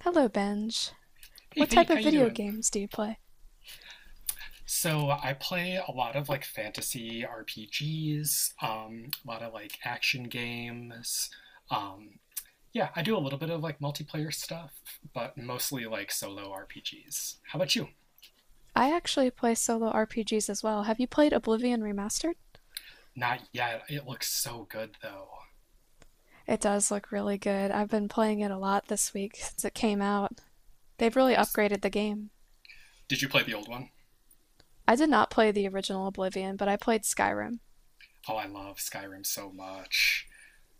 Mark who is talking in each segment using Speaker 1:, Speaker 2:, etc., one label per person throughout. Speaker 1: Hello, Benj.
Speaker 2: Hey
Speaker 1: What type
Speaker 2: Faith,
Speaker 1: of
Speaker 2: how you
Speaker 1: video
Speaker 2: doing?
Speaker 1: games do you play?
Speaker 2: So I play a lot of like fantasy RPGs, a lot of like action games. Um, yeah, I do a little bit of like multiplayer stuff, but mostly like solo RPGs. How about you?
Speaker 1: I actually play solo RPGs as well. Have you played Oblivion Remastered?
Speaker 2: Not yet. It looks so good though.
Speaker 1: It does look really good. I've been playing it a lot this week since it came out. They've really
Speaker 2: Nice.
Speaker 1: upgraded the game.
Speaker 2: Did you play the old one?
Speaker 1: I did not play the original Oblivion, but I played Skyrim.
Speaker 2: Oh, I love Skyrim so much.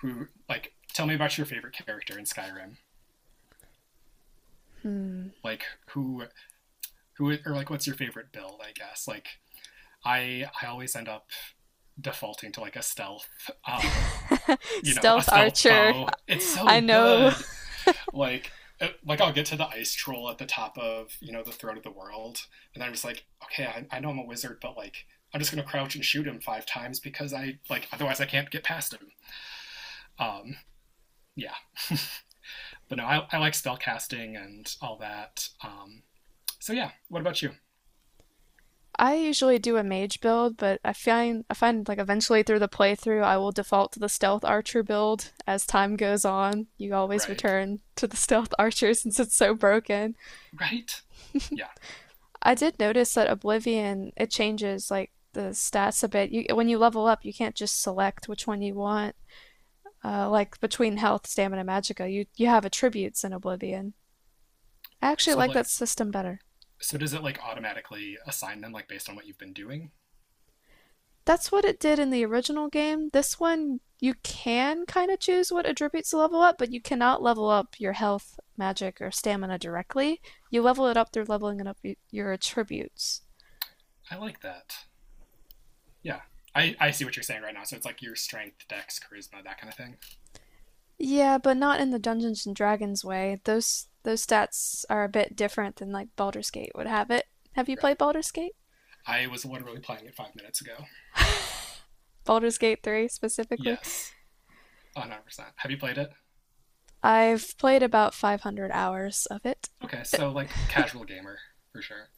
Speaker 2: Who like tell me about your favorite character in Skyrim? Like who who or like what's your favorite build, I guess? Like I always end up defaulting to like a stealth, uh, you know, a
Speaker 1: Stealth
Speaker 2: stealth
Speaker 1: Archer.
Speaker 2: bow. It's so
Speaker 1: I know.
Speaker 2: good. Like, like I'll get to the ice troll at the top of you know the throat of the world, and I'm just like, okay, I know I'm a wizard, but like I'm just gonna crouch and shoot him five times because I like otherwise I can't get past him. Um, yeah, but no, I like spell casting and all that. So yeah, what about you?
Speaker 1: I usually do a mage build, but I find like eventually through the playthrough I will default to the stealth archer build as time goes on. You always
Speaker 2: Right,
Speaker 1: return to the stealth archer since it's so broken.
Speaker 2: right, yeah.
Speaker 1: I did notice that Oblivion it changes like the stats a bit. You when you level up, you can't just select which one you want. Like between health, stamina, magicka, you have attributes in Oblivion. I actually
Speaker 2: So
Speaker 1: like that
Speaker 2: like,
Speaker 1: system better.
Speaker 2: so does it like automatically assign them like based on what you've been doing?
Speaker 1: That's what it did in the original game. This one, you can kind of choose what attributes to level up, but you cannot level up your health, magic, or stamina directly. You level it up through leveling it up your attributes.
Speaker 2: I like that. Yeah. I see what you're saying right now. So it's like your strength, dex, charisma, that kind of thing.
Speaker 1: Yeah, but not in the Dungeons and Dragons way. Those stats are a bit different than like Baldur's Gate would have it. Have you
Speaker 2: Right.
Speaker 1: played Baldur's Gate?
Speaker 2: I was literally playing it 5 minutes ago.
Speaker 1: Baldur's Gate 3 specifically?
Speaker 2: Yes, 100%. Have you played it?
Speaker 1: I've played about 500 hours of it.
Speaker 2: Okay, so like casual gamer for sure.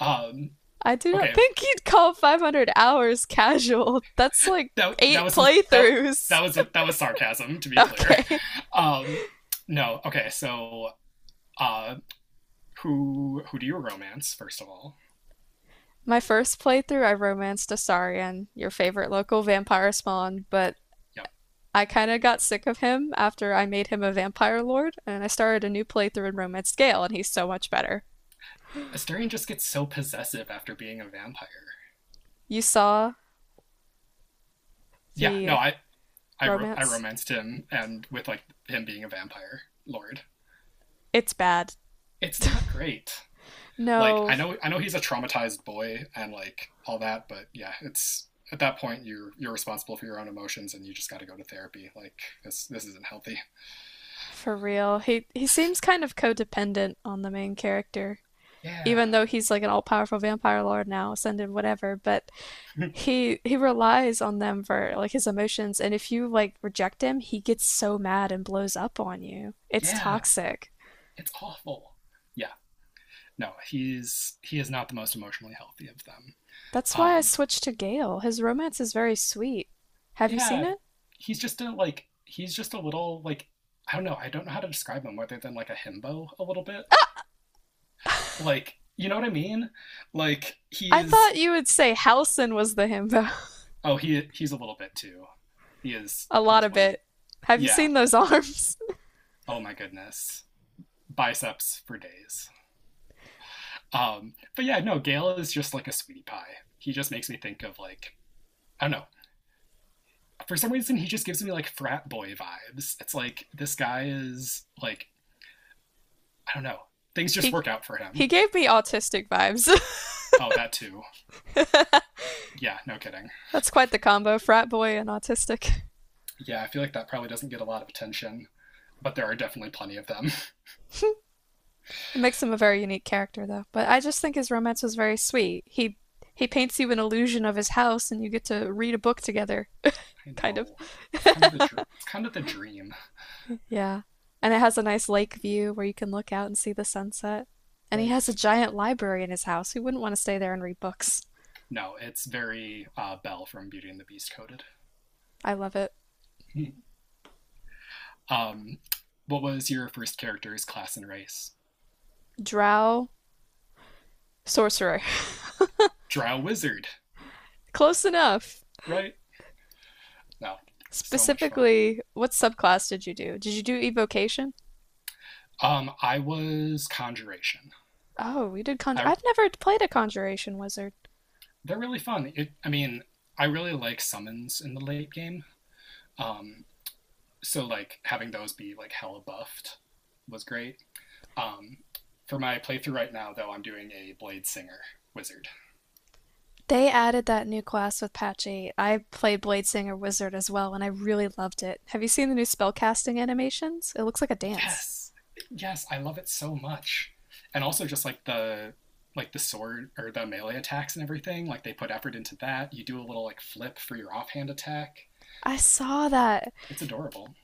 Speaker 2: Um,
Speaker 1: I do not
Speaker 2: okay,
Speaker 1: think you'd call 500 hours casual. That's like
Speaker 2: that that
Speaker 1: eight
Speaker 2: was some that
Speaker 1: playthroughs.
Speaker 2: that was that was sarcasm to be clear.
Speaker 1: Okay.
Speaker 2: Um, no, okay, so uh, who do you romance first of all?
Speaker 1: My first playthrough, I romanced Asarian, your favorite local vampire spawn, but
Speaker 2: Yep,
Speaker 1: I kind of got sick of him after I made him a vampire lord, and I started a new playthrough in Romance Gale, and he's so much better.
Speaker 2: Asterion just gets so possessive after being a vampire.
Speaker 1: You saw
Speaker 2: Yeah, no,
Speaker 1: the
Speaker 2: I
Speaker 1: romance?
Speaker 2: romanced him, and with like him being a vampire lord,
Speaker 1: It's bad.
Speaker 2: it's not great. Like
Speaker 1: No,
Speaker 2: I know he's a traumatized boy and like all that, but yeah, it's at that point you're responsible for your own emotions, and you just got to go to therapy. Like this isn't healthy.
Speaker 1: for real. He seems kind of codependent on the main character,
Speaker 2: Yeah,
Speaker 1: even though he's like an all-powerful vampire lord now, ascended, whatever, but he relies on them for like his emotions, and if you like reject him, he gets so mad and blows up on you. It's
Speaker 2: yeah,
Speaker 1: toxic.
Speaker 2: it's awful. Yeah, no, he is not the most emotionally healthy of them.
Speaker 1: That's why I
Speaker 2: Um,
Speaker 1: switched to Gale. His romance is very sweet. Have you seen
Speaker 2: yeah,
Speaker 1: it?
Speaker 2: he's just a like he's just a little like I don't know. I don't know how to describe him, other than like a himbo a little bit. Like, you know what I mean? Like he
Speaker 1: I
Speaker 2: is
Speaker 1: thought you would say Halson was the himbo.
Speaker 2: oh he he's a little bit too.
Speaker 1: A
Speaker 2: He
Speaker 1: lot
Speaker 2: is
Speaker 1: of
Speaker 2: one
Speaker 1: it. Have you
Speaker 2: yeah.
Speaker 1: seen those arms?
Speaker 2: Oh my goodness. Biceps for days. But yeah, no, Gale is just like a sweetie pie. He just makes me think of like I don't know. For some reason he just gives me like frat boy vibes. It's like this guy is like I don't know. Things just
Speaker 1: He
Speaker 2: work out for him.
Speaker 1: he gave me autistic vibes.
Speaker 2: Oh, that too. Yeah, no kidding.
Speaker 1: That's quite the combo, frat boy and autistic.
Speaker 2: Yeah, I feel like that probably doesn't get a lot of attention, but there are definitely plenty of them.
Speaker 1: It makes him a very unique character, though. But I just think his romance was very sweet. He paints you an illusion of his house, and you get to read a book together,
Speaker 2: I
Speaker 1: kind of.
Speaker 2: know. It's kind of the dream,
Speaker 1: Yeah, and it has a nice lake view where you can look out and see the sunset. And he has a
Speaker 2: right?
Speaker 1: giant library in his house. Who wouldn't want to stay there and read books?
Speaker 2: No, it's very Belle from Beauty and the Beast coded.
Speaker 1: I love it.
Speaker 2: um, what was your first character's class and race?
Speaker 1: Drow sorcerer,
Speaker 2: Drow wizard,
Speaker 1: close enough.
Speaker 2: right? No, so much fun.
Speaker 1: Specifically, what subclass did you do? Did you do evocation?
Speaker 2: I was conjuration.
Speaker 1: Oh, we did conjure.
Speaker 2: I
Speaker 1: I've never played a conjuration wizard.
Speaker 2: They're really fun. I mean, I really like summons in the late game. Um, so like having those be like hella buffed was great. Um, for my playthrough right now, though, I'm doing a blade singer wizard.
Speaker 1: They added that new class with patch 8. I played Bladesinger Wizard as well, and I really loved it. Have you seen the new spellcasting animations? It looks like a dance.
Speaker 2: Yes, yes, I love it so much. And also just like the sword or the melee attacks and everything, like they put effort into that. You do a little like flip for your offhand attack.
Speaker 1: I saw that.
Speaker 2: It's adorable.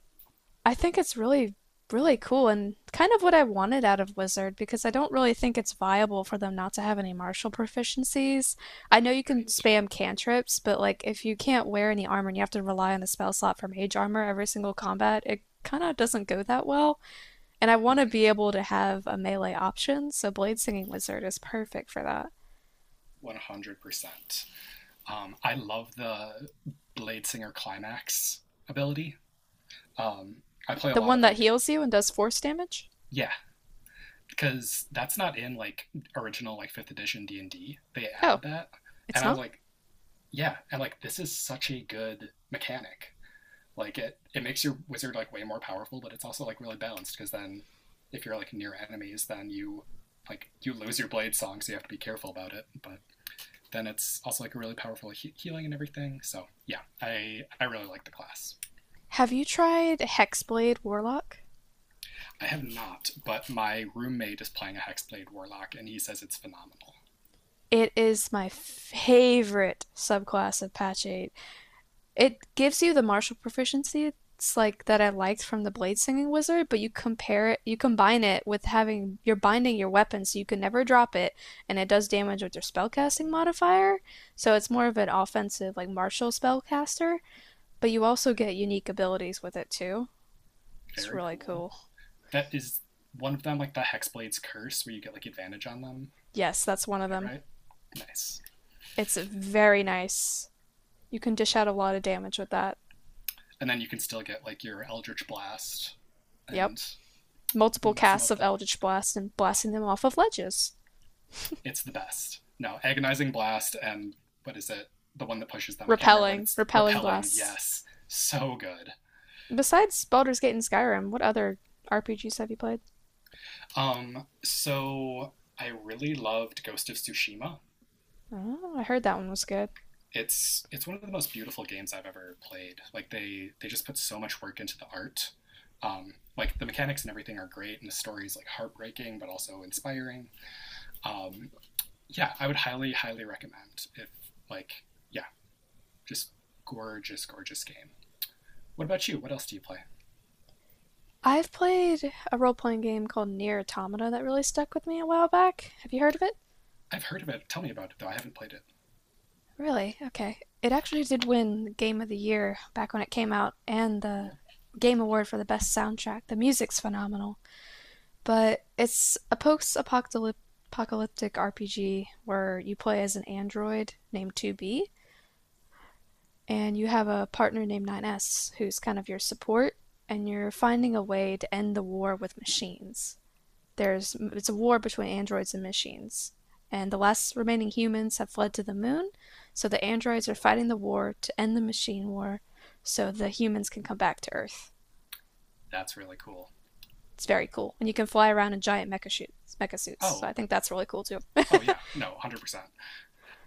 Speaker 1: I think it's really, really cool and kind of what I wanted out of Wizard because I don't really think it's viable for them not to have any martial proficiencies. I know you can spam cantrips, but like if you can't wear any armor and you have to rely on the spell slot for mage armor every single combat, it kind of doesn't go that well. And I want to
Speaker 2: Right.
Speaker 1: be able to have a melee option, so Blade Singing Wizard is perfect for that.
Speaker 2: Right. 100%. I love the Blade Singer climax ability. Um, I play a
Speaker 1: The
Speaker 2: lot
Speaker 1: one
Speaker 2: of
Speaker 1: that
Speaker 2: like
Speaker 1: heals you and does force damage?
Speaker 2: yeah, because that's not in like original like 5th edition D&D. They
Speaker 1: Oh,
Speaker 2: added that.
Speaker 1: it's
Speaker 2: And I was
Speaker 1: not?
Speaker 2: like, yeah, and like this is such a good mechanic. Like it makes your wizard like way more powerful, but it's also like really balanced because then if you're like near enemies, then you like you lose your blade song, so you have to be careful about it. But then it's also like a really powerful healing and everything. So yeah, I really like the class.
Speaker 1: Have you tried Hexblade Warlock?
Speaker 2: I have not, but my roommate is playing a hexblade warlock, and he says it's phenomenal.
Speaker 1: It is my favorite subclass of Patch 8. It gives you the martial proficiency it's like that I liked from the Blade Singing Wizard, but you combine it with having you're binding your weapon so you can never drop it, and it does damage with your spellcasting modifier. So it's more of an offensive, like martial spellcaster, but you also get unique abilities with it too. It's
Speaker 2: Very
Speaker 1: really
Speaker 2: cool.
Speaker 1: cool.
Speaker 2: That is one of them, like the hexblade's curse, where you get like advantage on them.
Speaker 1: Yes, that's one of
Speaker 2: Is that
Speaker 1: them.
Speaker 2: right? Nice.
Speaker 1: It's very nice. You can dish out a lot of damage with that.
Speaker 2: And then you can still get like your eldritch blast
Speaker 1: Yep.
Speaker 2: and
Speaker 1: Multiple
Speaker 2: mess them
Speaker 1: casts
Speaker 2: up
Speaker 1: of
Speaker 2: that
Speaker 1: Eldritch Blast and blasting them off of ledges.
Speaker 2: it's the best. No, agonizing blast and what is it? The one that pushes them. I can't remember what
Speaker 1: Repelling,
Speaker 2: it's
Speaker 1: repelling
Speaker 2: repelling.
Speaker 1: blasts.
Speaker 2: Yes. So good.
Speaker 1: Besides Baldur's Gate and Skyrim, what other RPGs have you played?
Speaker 2: So I really loved Ghost of Tsushima.
Speaker 1: Oh, I heard that one was good.
Speaker 2: It's one of the most beautiful games I've ever played. Like they just put so much work into the art. Like the mechanics and everything are great, and the story is like heartbreaking but also inspiring. Um, yeah, I would highly highly recommend if like yeah, just gorgeous gorgeous game. What about you? What else do you play?
Speaker 1: I've played a role playing game called Near Automata that really stuck with me a while back. Have you heard of it?
Speaker 2: I've heard of it. Tell me about it, though. I haven't played it.
Speaker 1: Really? Okay. It actually did win Game of the Year back when it came out and the
Speaker 2: Cool.
Speaker 1: Game Award for the Best Soundtrack. The music's phenomenal. But it's a post apocalyptic RPG where you play as an android named 2B and you have a partner named 9S, who's kind of your support, and you're finding a way to end the war with machines. There's it's a war between androids and machines, and the last remaining humans have fled to the moon, so the androids are fighting the war to end the machine war, so the humans can come back to Earth.
Speaker 2: That's really cool.
Speaker 1: It's very cool, and you can fly around in giant mecha suits. So I
Speaker 2: Oh,
Speaker 1: think that's really cool too.
Speaker 2: oh yeah. No, 100%.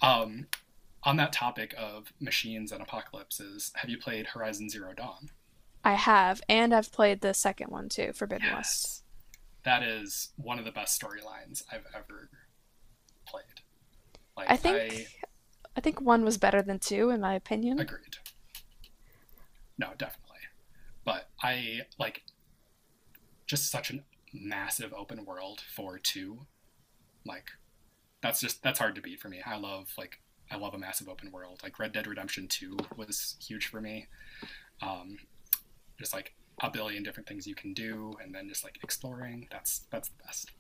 Speaker 2: Um, on that topic of machines and apocalypses, have you played Horizon Zero Dawn?
Speaker 1: I have, and I've played the second one too, Forbidden West.
Speaker 2: Yes. That is one of the best storylines I've ever played.
Speaker 1: I
Speaker 2: Like,
Speaker 1: think,
Speaker 2: I
Speaker 1: I think one was better than two in my opinion.
Speaker 2: agreed. No, definitely. But I like just such a massive open world for two. Like, that's just that's hard to beat for me. I love like I love a massive open world. Like Red Dead Redemption 2 was huge for me. Um, just like a billion different things you can do, and then just like exploring. That's the best.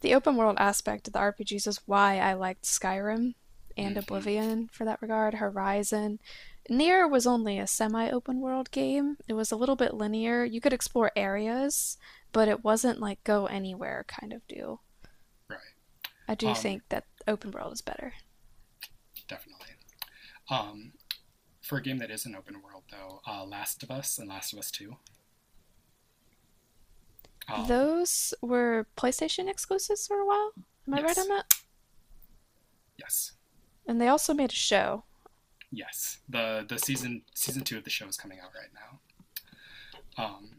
Speaker 1: The open world aspect of the RPGs is why I liked Skyrim and
Speaker 2: Mm-hmm.
Speaker 1: Oblivion for that regard, Horizon. Nier was only a semi open world game. It was a little bit linear. You could explore areas, but it wasn't like go anywhere kind of deal.
Speaker 2: Right.
Speaker 1: I do
Speaker 2: Um,
Speaker 1: think that open world is better.
Speaker 2: Definitely. Um, for a game that is an open world, though, Last of Us and Last of Us Two. Um,
Speaker 1: Those were PlayStation exclusives for a while. Am I right on
Speaker 2: yes,
Speaker 1: that?
Speaker 2: yes,
Speaker 1: And they also made a show.
Speaker 2: yes. The season two of the show is coming out right now.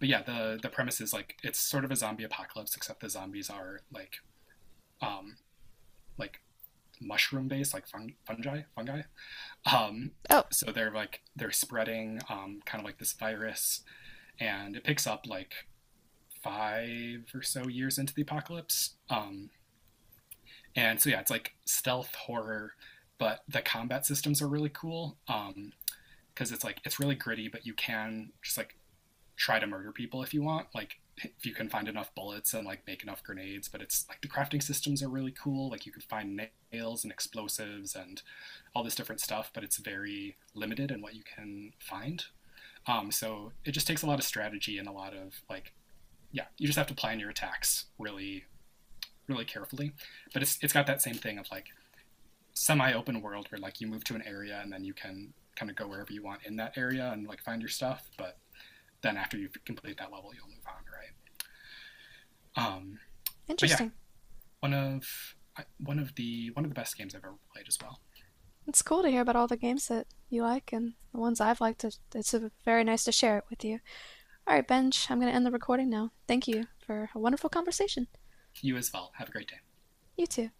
Speaker 2: But yeah, the premise is like it's sort of a zombie apocalypse, except the zombies are um, like mushroom based, like fungi. Um,
Speaker 1: Oh,
Speaker 2: so they're like they're spreading kind of like this virus, and it picks up like five or so years into the apocalypse. And so yeah, it's like stealth horror, but the combat systems are really cool. Because it's like it's really gritty, but you can just like try to murder people if you want like if you can find enough bullets and like make enough grenades but it's like the crafting systems are really cool like you could find nails and explosives and all this different stuff but it's very limited in what you can find, so it just takes a lot of strategy and a lot of like yeah you just have to plan your attacks really really carefully but it's got that same thing of like semi-open world where like you move to an area and then you can kind of go wherever you want in that area and like find your stuff but then after you complete that level you'll move on right. Um, but yeah,
Speaker 1: interesting.
Speaker 2: one of one of the best games I've ever played as well.
Speaker 1: It's cool to hear about all the games that you like and the ones I've liked. It's very nice to share it with you. All right, Benj, I'm going to end the recording now. Thank you for a wonderful conversation.
Speaker 2: You as well. Have a great day.
Speaker 1: You too.